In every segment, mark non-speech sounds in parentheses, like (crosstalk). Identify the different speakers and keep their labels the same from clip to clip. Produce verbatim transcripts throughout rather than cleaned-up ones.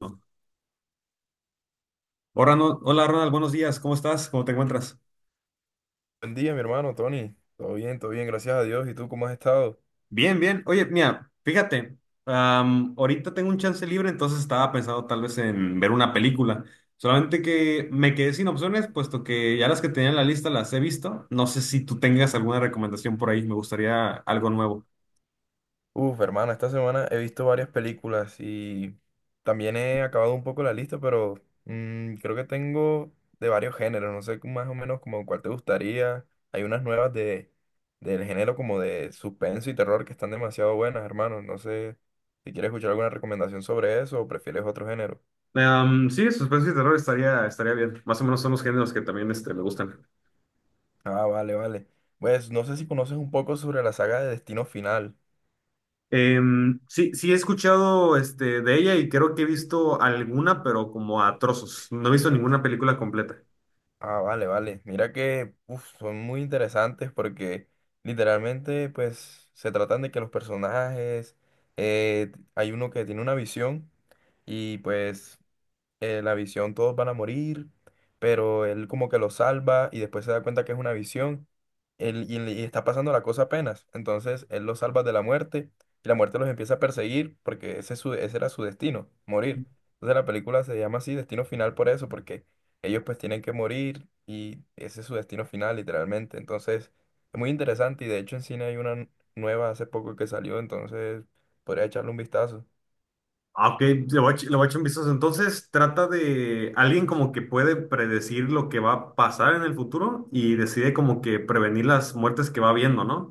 Speaker 1: Hola, Ronald, hola, Ronald, buenos días, ¿cómo estás? ¿Cómo te encuentras?
Speaker 2: Buen día, mi hermano Tony. Todo bien, todo bien, gracias a Dios. ¿Y tú cómo has estado?
Speaker 1: Bien, bien. Oye, mira, fíjate, am, ahorita tengo un chance libre, entonces estaba pensando tal vez en ver una película. Solamente que me quedé sin opciones, puesto que ya las que tenía en la lista las he visto. No sé si tú tengas alguna recomendación por ahí, me gustaría algo nuevo.
Speaker 2: Uf, hermana, esta semana he visto varias películas y también he acabado un poco la lista, pero mm, creo que tengo de varios géneros. No sé cómo- más o menos como cuál te gustaría. Hay unas nuevas de del género como de suspenso y terror que están demasiado buenas, hermano. No sé si quieres escuchar alguna recomendación sobre eso o prefieres otro género.
Speaker 1: Am, sí, suspenso y terror estaría, estaría bien. Más o menos son los géneros que también este, me gustan.
Speaker 2: Ah, vale, vale. Pues no sé si conoces un poco sobre la saga de Destino Final.
Speaker 1: Em, sí, sí he escuchado este, de ella y creo que he visto alguna, pero como a trozos. No he visto ninguna película completa.
Speaker 2: Ah, vale, vale. Mira que uf, son muy interesantes porque literalmente pues se tratan de que los personajes, eh, hay uno que tiene una visión y pues eh, la visión, todos van a morir, pero él como que lo salva y después se da cuenta que es una visión él- y, y está pasando la cosa apenas. Entonces él los salva de la muerte y la muerte los empieza a perseguir porque ese, es su- ese era su destino, morir. Entonces la película se llama así, Destino Final por eso, porque ellos pues tienen que morir y ese es su destino final literalmente. Entonces es muy interesante y de hecho en cine hay una nueva hace poco que salió, entonces podría echarle un vistazo.
Speaker 1: Ah, ok, le voy a, ech- le voy a echar un vistazo. Entonces, trata de alguien como que puede predecir lo que va a pasar en el futuro y decide como que prevenir las muertes que va viendo, ¿no?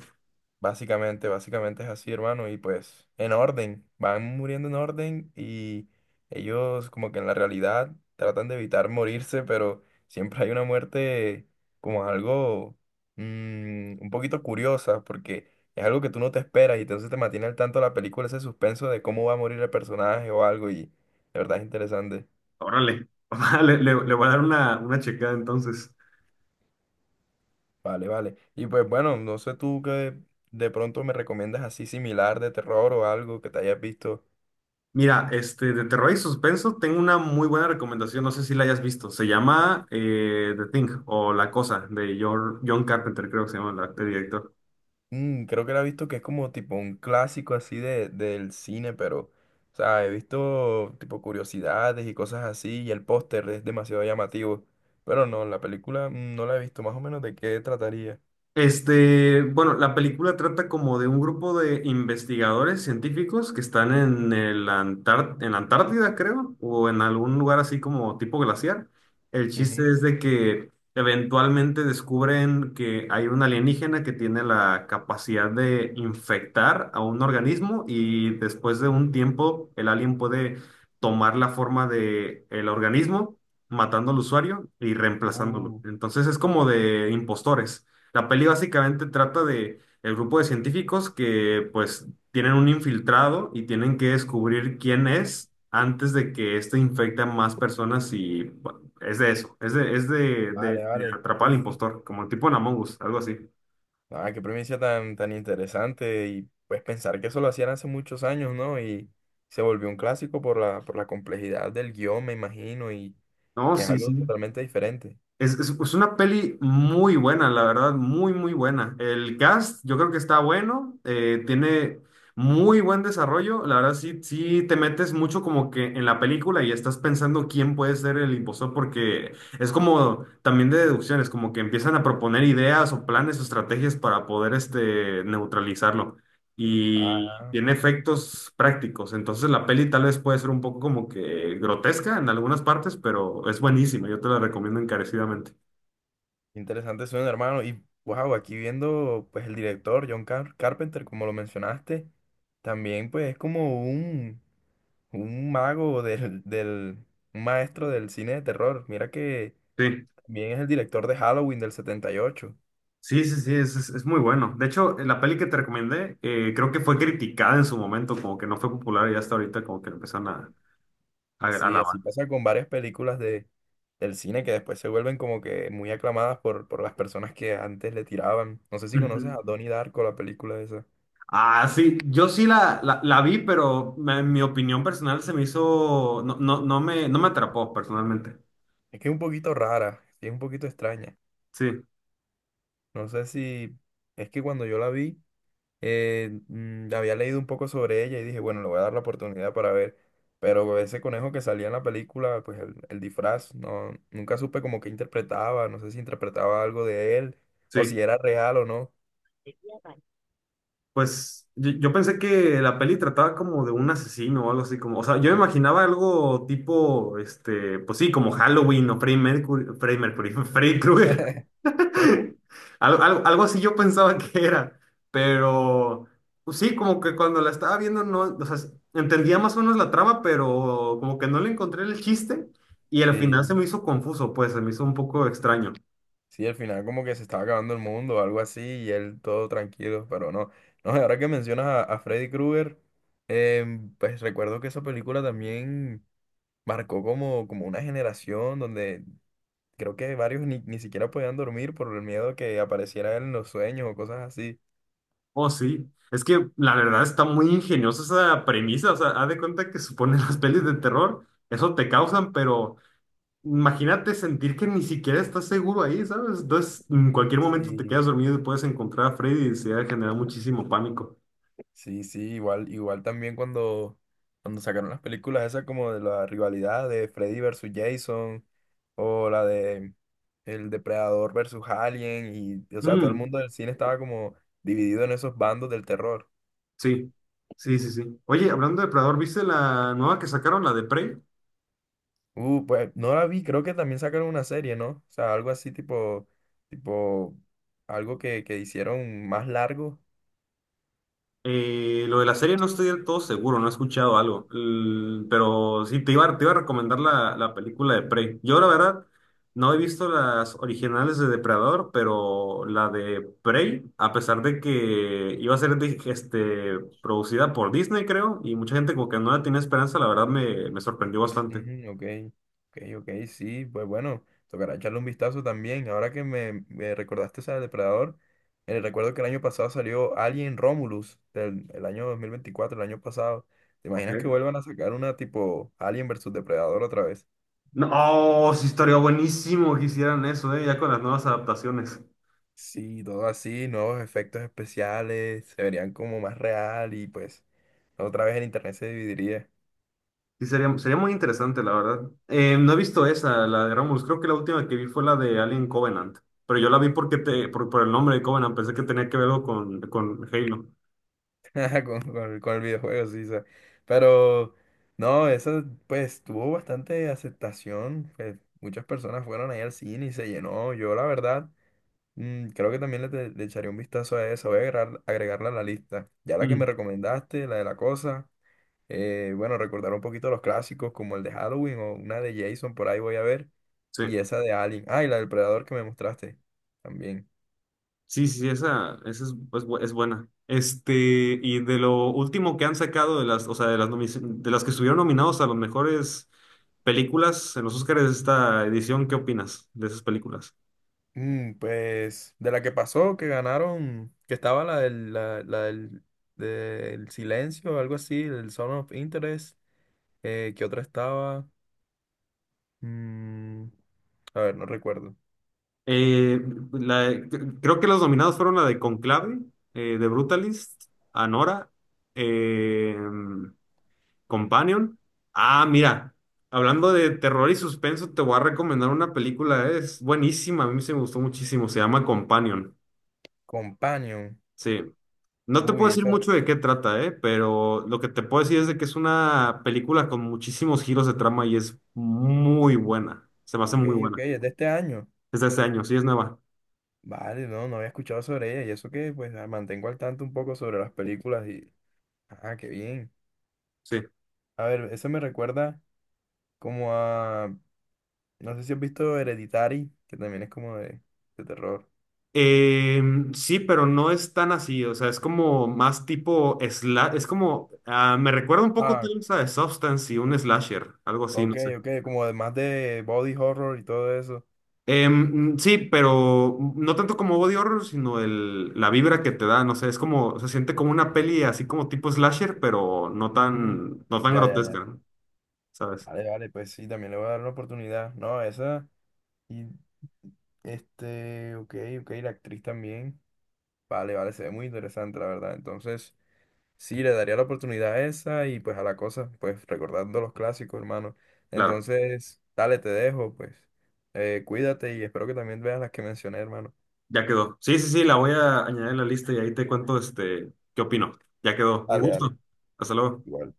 Speaker 2: Básicamente, básicamente es así, hermano, y pues en orden, van muriendo en orden y ellos como que en la realidad tratan de evitar morirse, pero siempre hay una muerte como algo mm, un poquito curiosa, porque es algo que tú no te esperas y entonces te mantiene al tanto la película ese suspenso de cómo va a morir el personaje o algo y de verdad es interesante.
Speaker 1: Órale, (laughs) le, le, le voy a dar una, una checada entonces.
Speaker 2: Vale, vale. Y pues bueno, no sé tú qué de pronto me recomiendas así similar de terror o algo que te hayas visto.
Speaker 1: Mira, este, de terror y suspenso, tengo una muy buena recomendación, no sé si la hayas visto. Se llama eh, The Thing o La Cosa de Jor- John Carpenter, creo que se llama la- el director.
Speaker 2: Mm, creo que la he visto, que es como tipo un clásico así de, del cine, pero, o sea, he visto tipo curiosidades y cosas así, y el póster es demasiado llamativo. Pero no, la película mm, no la he visto, más o menos de qué trataría.
Speaker 1: Este, bueno, la película trata como de un grupo de investigadores científicos que están en el Antar- en la Antártida, creo, o en algún lugar así como tipo glaciar. El chiste
Speaker 2: Ujú.
Speaker 1: es de que eventualmente descubren que hay un alienígena que tiene la capacidad de infectar a un organismo y después de un tiempo el alien puede tomar la forma de el organismo, matando al usuario y reemplazándolo.
Speaker 2: Uh,
Speaker 1: Entonces es como de impostores. La peli básicamente trata de el grupo de científicos que pues tienen un infiltrado y tienen que descubrir quién es antes de que éste infecte a más personas y bueno, es de eso, es de, es de, de-
Speaker 2: vale,
Speaker 1: de
Speaker 2: vale.
Speaker 1: atrapar al
Speaker 2: Uf,
Speaker 1: impostor, como el tipo en Among Us, algo así.
Speaker 2: ah, qué premisa tan, tan interesante. Y pues pensar que eso lo hacían hace muchos años, ¿no? Y se volvió un clásico por la, por la complejidad del guión, me imagino, y, y
Speaker 1: No,
Speaker 2: que es
Speaker 1: sí,
Speaker 2: algo
Speaker 1: sí.
Speaker 2: totalmente diferente.
Speaker 1: Es, es, es una peli muy buena, la verdad, muy, muy buena. El cast, yo creo que está bueno, eh, tiene muy buen desarrollo. La verdad, sí, sí te metes mucho como que en la película y estás pensando quién puede ser el impostor, porque es como también de deducciones, como que empiezan a proponer ideas o planes o estrategias para poder este, neutralizarlo y
Speaker 2: Ah.
Speaker 1: tiene efectos prácticos. Entonces la peli tal vez puede ser un poco como que grotesca en algunas partes, pero es buenísima. Yo te la recomiendo encarecidamente.
Speaker 2: Interesante suena, hermano. Y wow, aquí viendo pues el director John Car- Carpenter, como lo mencionaste, también pues es como un, un mago del, del, un maestro del cine de terror. Mira que
Speaker 1: Sí.
Speaker 2: también es el director de Halloween del setenta y ocho.
Speaker 1: Sí, sí, sí, es, es- es muy bueno. De hecho, la peli que te recomendé, eh, creo que fue criticada en su momento, como que no fue popular y hasta ahorita como que la empezaron a, a a
Speaker 2: Sí,
Speaker 1: alabar.
Speaker 2: así pasa con varias películas de, del cine que después se vuelven como que muy aclamadas por, por las personas que antes le tiraban. No sé si conoces
Speaker 1: Ujú.
Speaker 2: a Donnie Darko, la película esa.
Speaker 1: Ah, sí, yo sí la, la, la vi, pero me- en mi opinión personal se me hizo, no, no, no me, no me atrapó personalmente.
Speaker 2: Es que es un poquito rara, sí, es un poquito extraña.
Speaker 1: Sí,
Speaker 2: No sé si es que cuando yo la vi, eh, mm, había leído un poco sobre ella y dije, bueno, le voy a dar la oportunidad para ver. Pero ese conejo que salía en la película, pues el, el disfraz, no, nunca supe como que interpretaba, no sé si interpretaba algo de él o
Speaker 1: sí.
Speaker 2: si era real o no.
Speaker 1: Pues yo, yo pensé que la peli trataba como de un asesino o algo así como, o sea, yo me imaginaba algo tipo, este, pues sí, como Halloween o Freddy Mercury, Freddy Mercury, (laughs) Freddy Krueger.
Speaker 2: (laughs)
Speaker 1: (laughs) Algo, algo, algo así yo pensaba que era, pero pues sí, como que cuando la estaba viendo no, o sea, entendía más o menos la trama, pero como que no le encontré el chiste y al final se
Speaker 2: Sí,
Speaker 1: me hizo confuso, pues se me hizo un poco extraño.
Speaker 2: sí, al final como que se estaba acabando el mundo o algo así y él todo tranquilo, pero no. No, y ahora que mencionas a, a Freddy Krueger, em, pues recuerdo que esa película también marcó como, como una generación donde creo que varios ni, ni siquiera podían dormir por el miedo que apareciera él en los sueños o cosas así.
Speaker 1: Oh, sí. Es que la verdad está muy ingeniosa esa premisa. O sea, haz de cuenta que suponen (laughs) las pelis de terror, eso te causan, pero imagínate sentir que ni siquiera estás seguro ahí, ¿sabes? Entonces, en cualquier momento te
Speaker 2: Sí,
Speaker 1: quedas dormido y puedes encontrar a Freddy y se va a generar muchísimo pánico.
Speaker 2: sí, sí, igual, igual también cuando, cuando sacaron las películas esas como de la rivalidad de Freddy versus Jason o la de El Depredador versus Alien y, o sea, todo el
Speaker 1: Mm,
Speaker 2: mundo del cine estaba como dividido en esos bandos del terror.
Speaker 1: sí, sí, sí, sí. Oye, hablando de Predador, ¿viste la nueva que sacaron, la de Prey?
Speaker 2: Uh, pues no la vi, creo que también sacaron una serie, ¿no? O sea, algo así tipo, tipo, algo que, que hicieron más largo.
Speaker 1: Eh, lo de la serie no estoy del todo seguro, no he escuchado algo, L- pero sí, te iba, te iba a recomendar la, la película de Prey. Yo la verdad no he visto las originales de Depredador, pero la de Prey, a pesar de que iba a ser de- este, producida por Disney, creo, y mucha gente como que no la tenía esperanza, la verdad me, me sorprendió bastante.
Speaker 2: Ujú, ok, ok, ok, sí, pues bueno, tocará echarle un vistazo también. Ahora que me, me recordaste esa de Depredador, eh, recuerdo que el año pasado salió Alien Romulus, del el año dos mil veinticuatro el año pasado. ¿Te imaginas que
Speaker 1: Ok.
Speaker 2: vuelvan a sacar una tipo Alien versus Depredador otra vez?
Speaker 1: No, oh, sí, estaría buenísimo que hicieran eso, eh, ya con las nuevas adaptaciones.
Speaker 2: Sí, todo así, nuevos efectos especiales, se verían como más real y pues... Otra vez el internet se dividiría.
Speaker 1: Sí, sería, sería muy interesante, la verdad. Eh, no he visto esa, la de Romulus. Creo que la última que vi fue la de Alien Covenant. Pero yo la vi porque te, por, por el nombre de Covenant. Pensé que tenía que verlo con, con Halo.
Speaker 2: (laughs) con, con- con el videojuego, sí, o sea, pero no, eso pues tuvo bastante aceptación. Pues, muchas personas fueron ahí al cine y se llenó. Yo, la verdad, mm, creo que también le, te- le echaré un vistazo a eso. Voy a agregar- agregarla a la lista. Ya la que me
Speaker 1: Mm.
Speaker 2: recomendaste, la de la cosa. Eh, bueno, recordar un poquito los clásicos como el de Halloween o una de Jason, por ahí voy a ver.
Speaker 1: Sí.
Speaker 2: Y esa de Alien. Ah, y la del Predador que me mostraste también.
Speaker 1: Sí, sí, esa, esa es, es bu- es buena. Este, y de lo último que han sacado de las, o sea, de las, nomi- de las que estuvieron nominados a las mejores películas en los Oscars de esta edición, ¿qué opinas de esas películas?
Speaker 2: Mm, pues de la que pasó, que ganaron, que estaba la del, la, la del, del silencio, algo así, del Zone of Interest, eh, que otra estaba, mm, a ver, no recuerdo,
Speaker 1: Eh, la- Creo que los nominados fueron la de Conclave, eh, de Brutalist, Anora, eh, Companion. Ah, mira, hablando de terror y suspenso, te voy a recomendar una película, es buenísima, a mí se me gustó muchísimo, se llama Companion.
Speaker 2: Companion,
Speaker 1: Sí, no te puedo
Speaker 2: uy,
Speaker 1: decir
Speaker 2: esa,
Speaker 1: mucho de qué trata, eh, pero lo que te puedo decir es de que es una película con muchísimos giros de trama y es muy buena, se me hace
Speaker 2: ok,
Speaker 1: muy
Speaker 2: ok,
Speaker 1: buena.
Speaker 2: es de este año,
Speaker 1: Es de este año, sí, es nueva.
Speaker 2: vale, no, no había escuchado sobre ella, y eso que, pues, la mantengo al tanto un poco sobre las películas y, ah, qué bien,
Speaker 1: Sí.
Speaker 2: a ver, eso me recuerda como a, no sé si has visto Hereditary, que también es como de de terror.
Speaker 1: Eh, sí, pero no es tan así, o sea, es como más tipo sla- es como, ah, me recuerda un poco
Speaker 2: Ah.
Speaker 1: tal vez a The Substance y un slasher, algo así,
Speaker 2: Ok,
Speaker 1: no sé.
Speaker 2: ok, como además de body horror y todo eso.
Speaker 1: Em, mm, sí, pero no tanto como body horror, sino el, la vibra que te da, no sé, es como, se siente como una peli así como tipo slasher, pero no
Speaker 2: Mm,
Speaker 1: tan, no tan
Speaker 2: ya, ya,
Speaker 1: grotesca,
Speaker 2: ya.
Speaker 1: ¿no? ¿Sabes?
Speaker 2: Vale, vale, pues sí, también le voy a dar una oportunidad. No, esa. Y este, ok, ok, la actriz también. Vale, vale, se ve muy interesante, la verdad. Entonces, sí, le daría la oportunidad a esa y pues a la cosa, pues recordando los clásicos, hermano.
Speaker 1: Claro,
Speaker 2: Entonces, dale, te dejo, pues. Eh, cuídate y espero que también veas las que mencioné, hermano.
Speaker 1: ya quedó. Sí, sí, sí, la voy a añadir a la lista y ahí te cuento, este, qué opino. Ya quedó, un
Speaker 2: Dale, dale.
Speaker 1: gusto. Hasta luego.
Speaker 2: Igual.